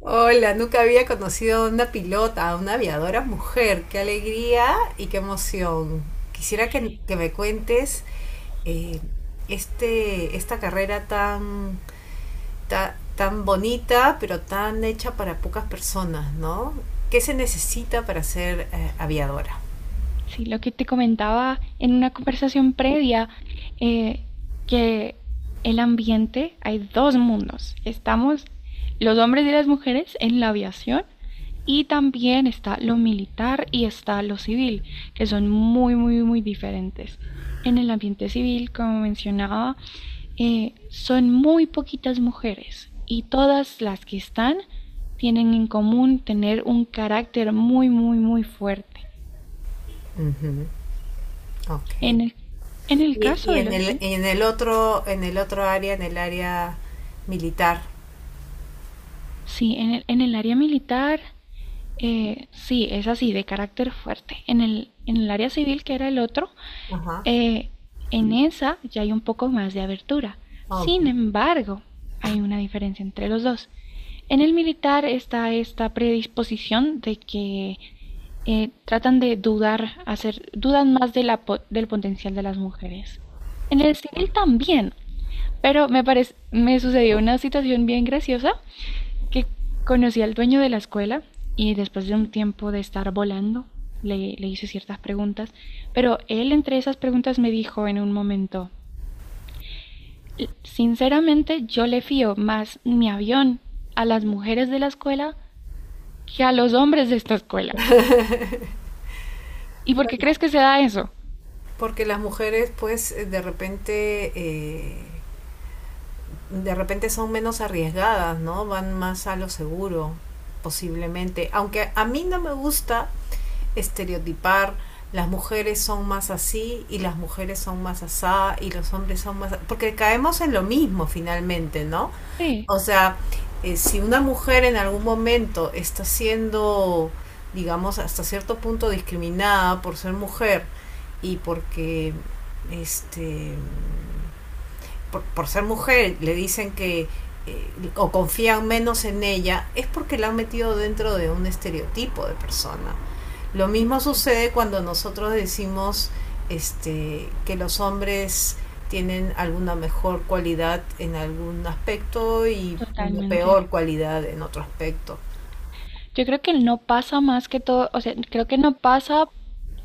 Hola, nunca había conocido a una pilota, a una aviadora mujer. Qué alegría y qué emoción. Quisiera que me cuentes eh, esta carrera tan, tan bonita, pero tan hecha para pocas personas, ¿no? ¿Qué se necesita para ser aviadora? Sí, lo que te comentaba en una conversación previa, eh, que el ambiente, hay dos mundos. Estamos los hombres y las mujeres en la aviación, y también está lo militar y está lo civil, que son muy, muy, muy diferentes. En el ambiente civil, como mencionaba, son muy poquitas mujeres y todas las que están tienen en común tener un carácter muy, muy, muy fuerte. Ujú, ok. En el, en el Y, caso y de los... Sí, en el otro área, en el área militar. sí, en el área militar, sí, es así, de carácter fuerte. En el área civil, que era el otro, Ajá. eh, en esa ya hay un poco más de abertura. Ok. Sin embargo, hay una diferencia entre los dos. En el militar está esta predisposición de que tratan de dudar, hacer, dudan más de la, del potencial de las mujeres. En el civil también, pero me parece, me sucedió una situación bien graciosa que conocí al dueño de la escuela y después de un tiempo de estar volando, le hice ciertas preguntas, pero él entre esas preguntas me dijo en un momento, sinceramente yo le fío más mi avión a las mujeres de la escuela que a los hombres de esta escuela. ¿Y por qué crees que se da eso? Porque las mujeres, pues, de repente son menos arriesgadas, ¿no? Van más a lo seguro, posiblemente. Aunque a mí no me gusta estereotipar, las mujeres son más así y las mujeres son más asá y los hombres son más... Porque caemos en lo mismo finalmente, ¿no? Sí, O sea, si una mujer en algún momento está siendo, digamos, hasta cierto punto discriminada por ser mujer, y porque este por ser mujer le dicen que eh, o confían menos en ella es porque la han metido dentro de un estereotipo de persona. Lo mismo sí, sucede cuando nosotros decimos que los hombres tienen alguna mejor cualidad en algún aspecto y una totalmente. peor cualidad en otro aspecto. Yo creo que no pasa más que todo, o sea, creo que no pasa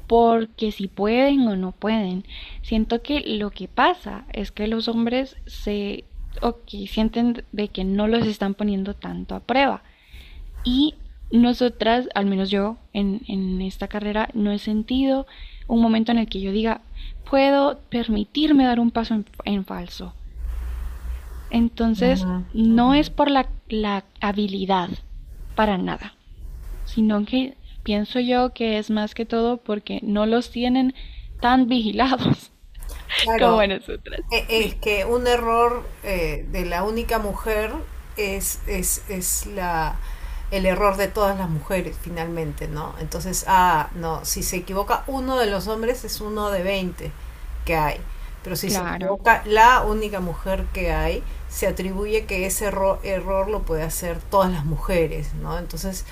porque si pueden o no pueden. Siento que lo que pasa es que los hombres se, ok, sienten de que no los están poniendo tanto a prueba. Y nosotras, al menos yo en esta carrera, no he sentido un momento en el que yo diga, puedo permitirme dar un paso en falso. Uh Entonces, -huh, uh no es -huh. por la, la habilidad, para nada, sino que pienso yo que es más que todo porque no los tienen tan vigilados como Claro. a nosotras. Es Sí, que un error de la única mujer es el error de todas las mujeres, finalmente, ¿no? Entonces, ah, no, si se equivoca uno de los hombres es uno de 20 que hay. Pero si se claro, equivoca la única mujer que hay, se atribuye que ese error lo puede hacer todas las mujeres, ¿no? Entonces,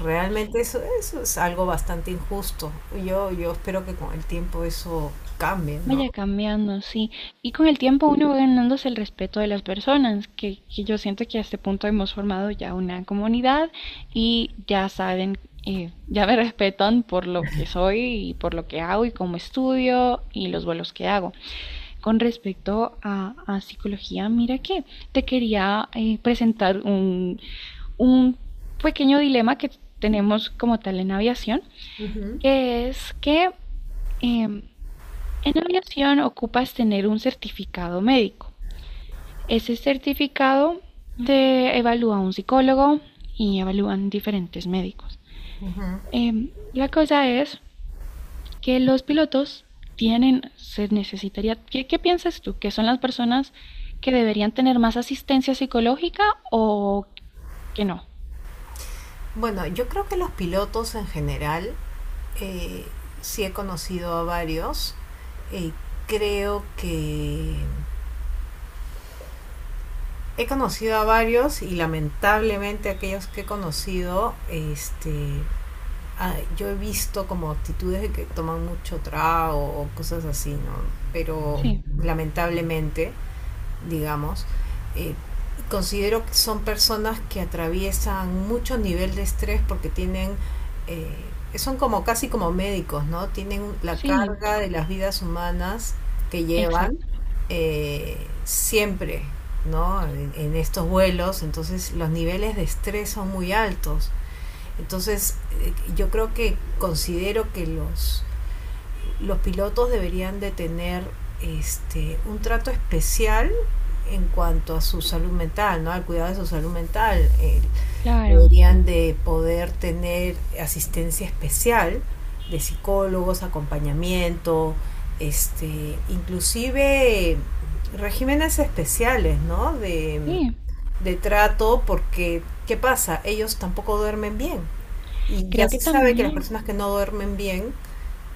realmente sí. eso, eso es algo bastante injusto. Yo espero que con el tiempo eso cambie, ¿no? Vaya cambiando, sí. Y con el tiempo uno va ganándose el respeto de las personas, que yo siento que a este punto hemos formado ya una comunidad y ya saben, ya me respetan por lo que soy y por lo que hago y cómo estudio y los vuelos que hago. Con respecto a psicología, mira que te quería presentar un pequeño dilema que tenemos como tal en aviación, Ujú, que es que em, en aviación ocupas tener un certificado médico. Ese certificado te evalúa un psicólogo y evalúan diferentes médicos. ujú. La cosa es que los pilotos tienen, se necesitaría, ¿qué, qué piensas tú? ¿Que son las personas que deberían tener más asistencia psicológica o que no? Bueno, yo creo que los pilotos en general, eh, sí he conocido a varios. eh, Creo que he conocido a varios y lamentablemente aquellos que he conocido, ah, yo he visto como actitudes de que toman mucho trago o cosas así, ¿no? Pero Sí, lamentablemente. Digamos, eh, considero que son personas que atraviesan mucho nivel de estrés porque tienen, eh, son como casi como médicos, ¿no? Tienen la sí, carga de las vidas humanas que llevan exacto, siempre, ¿no? En estos vuelos, entonces los niveles de estrés son muy altos. Entonces, yo creo que considero que los pilotos deberían de tener un trato especial en cuanto a su salud mental, ¿no? Al cuidado de su salud mental. Claro, Deberían de poder tener asistencia especial de psicólogos, acompañamiento, inclusive regímenes especiales, ¿no? Sí, De trato, porque ¿qué pasa? Ellos tampoco duermen bien. Y ya creo que se sabe que las también, personas que no duermen bien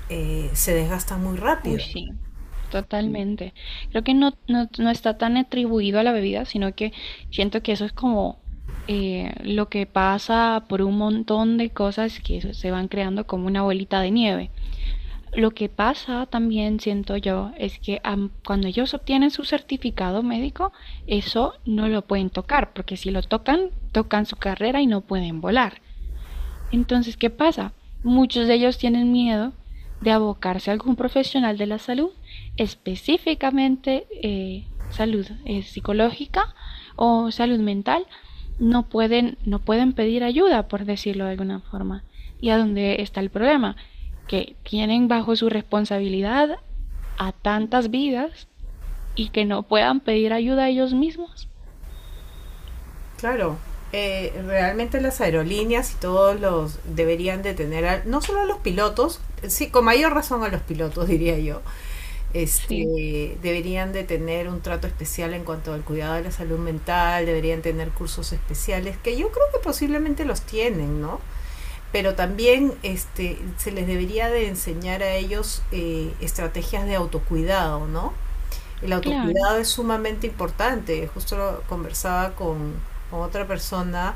se desgastan muy uy, rápido. sí, totalmente. Creo que no, no, no está tan atribuido a la bebida, sino que siento que eso es como lo que pasa por un montón de cosas que eso se van creando como una bolita de nieve. Lo que pasa también siento yo es que cuando ellos obtienen su certificado médico, eso no lo pueden tocar, porque si lo tocan, tocan su carrera y no pueden volar. Entonces, ¿qué pasa? Muchos de ellos tienen miedo de abocarse a algún profesional de la salud, específicamente salud psicológica o salud mental, no pueden, no pueden pedir ayuda, por decirlo de alguna forma. ¿Y a dónde está el problema? Que tienen bajo su responsabilidad a tantas vidas y que no puedan pedir ayuda a ellos mismos. Claro, realmente las aerolíneas y todos los deberían de tener, no solo a los pilotos, sí, con mayor razón a los pilotos, diría yo, Sí, deberían de tener un trato especial en cuanto al cuidado de la salud mental, deberían tener cursos especiales, que yo creo que posiblemente los tienen, ¿no? Pero también se les debería de enseñar a ellos estrategias de autocuidado, ¿no? El claro, autocuidado es sumamente importante. Justo lo conversaba con otra persona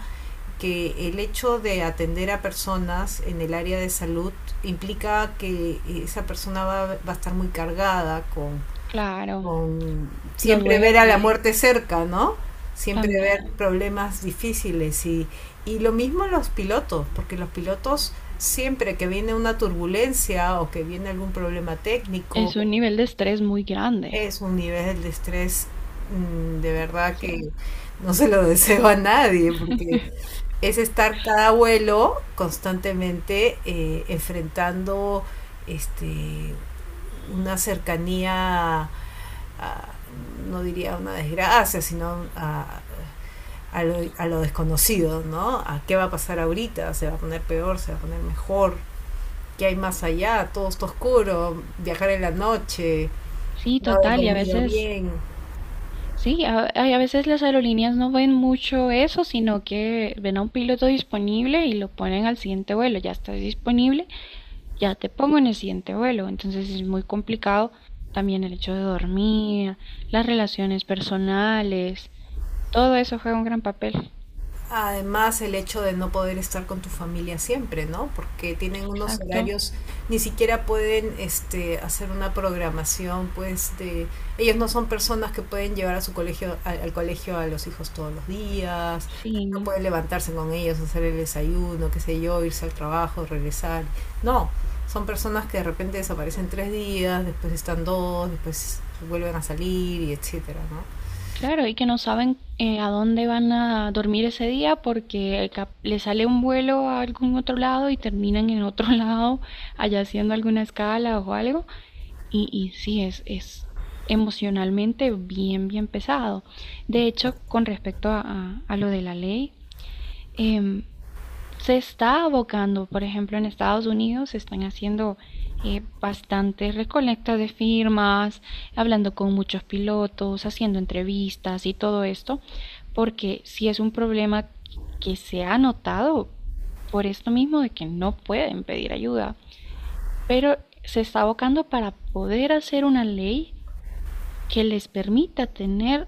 que el hecho de atender a personas en el área de salud implica que esa persona va a estar muy cargada claro. con No siempre ver a la duermen muerte cerca, ¿no? Siempre ver también. problemas difíciles y lo mismo los pilotos, porque los pilotos siempre que viene una turbulencia o que viene algún problema técnico, Es un nivel de estrés muy grande. es un nivel de estrés de verdad que Sí. no se lo deseo a nadie, porque es estar cada abuelo constantemente enfrentando este, una cercanía, a, no diría una desgracia, sino a, a lo desconocido, ¿no? A qué va a pasar ahorita, se va a poner peor, se va a poner mejor, qué hay más allá, todo está oscuro, viajar en la noche, Sí, no haber total. Y a dormido veces, bien. sí, a, ay, a veces las aerolíneas no ven mucho eso, sino que ven a un piloto disponible y lo ponen al siguiente vuelo. Ya estás disponible, ya te pongo en el siguiente vuelo. Entonces es muy complicado también el hecho de dormir, las relaciones personales, todo eso juega un gran papel. Además, el hecho de no poder estar con tu familia siempre, ¿no? Porque tienen unos Exacto. horarios, ni siquiera pueden hacer una programación, pues de... Ellos no son personas que pueden llevar a su colegio, al, al colegio a los hijos todos los días, no Sí. pueden levantarse con ellos, hacer el desayuno, qué sé yo, irse al trabajo, regresar. No, son personas que de repente desaparecen tres días, después están dos, después vuelven a salir y etcétera, ¿no? Claro, y que no saben a dónde van a dormir ese día porque cap- le sale un vuelo a algún otro lado y terminan en otro lado, allá haciendo alguna escala o algo. Y sí, es emocionalmente bien, bien pesado. De hecho, con respecto a lo de la ley, em, se está abocando, por ejemplo, en Estados Unidos se están haciendo bastante recolecta de firmas, hablando con muchos pilotos, haciendo entrevistas y todo esto, porque si es un problema que se ha notado por esto mismo de que no pueden pedir ayuda, pero se está abocando para poder hacer una ley que les permita tener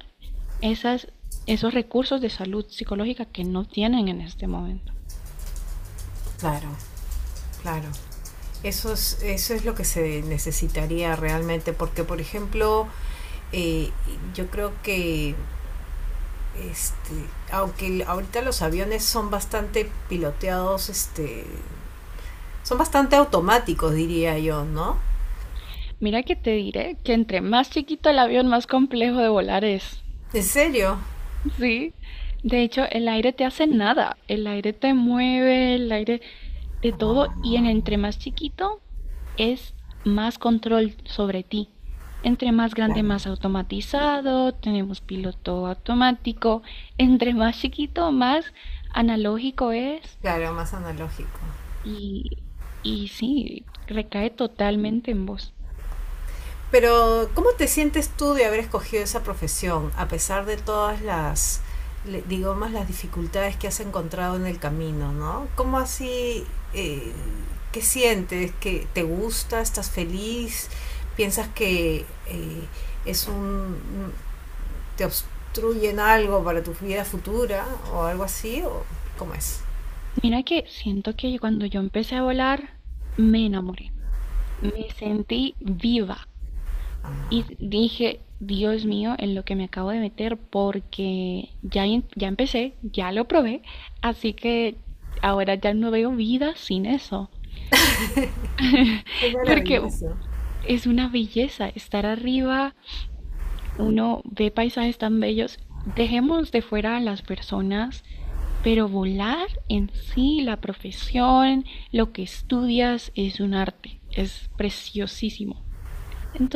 esas, esos recursos de salud psicológica que no tienen en este momento. Claro, claro. Eso es lo que se necesitaría realmente, porque por ejemplo, eh, yo creo que este, aunque ahorita los aviones son bastante piloteados, son bastante automáticos, diría yo, ¿no? Mira que te diré que entre más chiquito el avión, más complejo de volar es. ¿En serio? Sí. De hecho, el aire te hace nada. El aire te mueve, el aire de todo. Y en Ah, entre más chiquito es más control sobre ti. Entre más grande, claro, más automatizado. Tenemos piloto automático. Entre más chiquito, más analógico es. claro, más analógico. Y, y sí, recae totalmente en vos. Pero, ¿cómo te sientes tú de haber escogido esa profesión, a pesar de todas las, digamos, las dificultades que has encontrado en el camino, ¿no? ¿Cómo así, eh, qué sientes? ¿Que te gusta? ¿Estás feliz? ¿Piensas que es un, te obstruyen algo para tu vida futura o algo así? ¿O cómo es? Mira que siento que cuando yo empecé a volar, me enamoré. Me sentí viva y dije, Dios mío, en lo que me acabo de meter, porque ya, em- ya empecé, ya lo probé, así que ahora ya no veo vida sin eso. Es Porque maravilloso. es una belleza estar arriba, uno ve paisajes tan bellos. Dejemos de fuera a las personas. Pero volar en sí, la profesión, lo que estudias es un arte, es preciosísimo.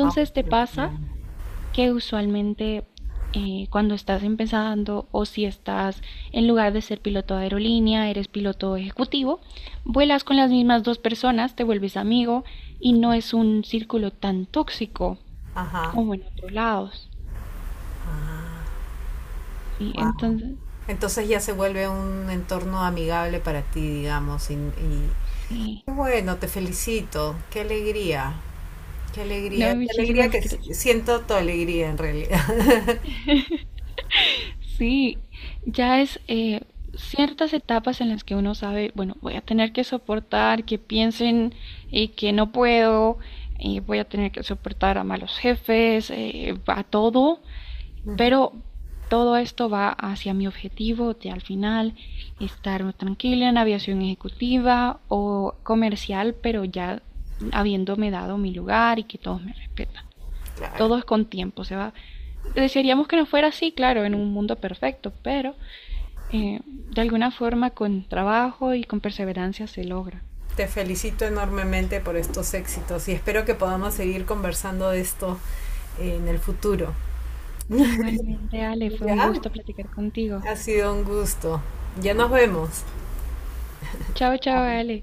Ay, que te lo pasa crean. que usualmente cuando estás empezando o si estás en lugar de ser piloto de aerolínea, eres piloto ejecutivo, vuelas con las mismas dos personas, te vuelves amigo y no es un círculo tan tóxico Ajá. como en otros lados. Sí, Wow. entonces, Entonces ya se vuelve un entorno amigable para ti, digamos. Sí. Bueno, te felicito. Qué alegría, qué No, alegría, qué alegría muchísimas que gracias. siento tu alegría en realidad. Sí, ya es ciertas etapas en las que uno sabe, bueno, voy a tener que soportar que piensen que no puedo, voy a tener que soportar a malos jefes, a todo, pero todo esto va hacia mi objetivo de al final estar tranquila en aviación ejecutiva o comercial, pero ya habiéndome dado mi lugar y que todos me respetan, Claro. todo es con tiempo, se va. Desearíamos que no fuera así, claro, en un mundo perfecto, pero de alguna forma con trabajo y con perseverancia se logra. Te felicito enormemente por estos éxitos y espero que podamos seguir conversando de esto en el futuro. Igualmente, Ale, fue un Ya, gusto platicar contigo. ha sido un gusto. Ya nos vemos. Chao, chao, Ale.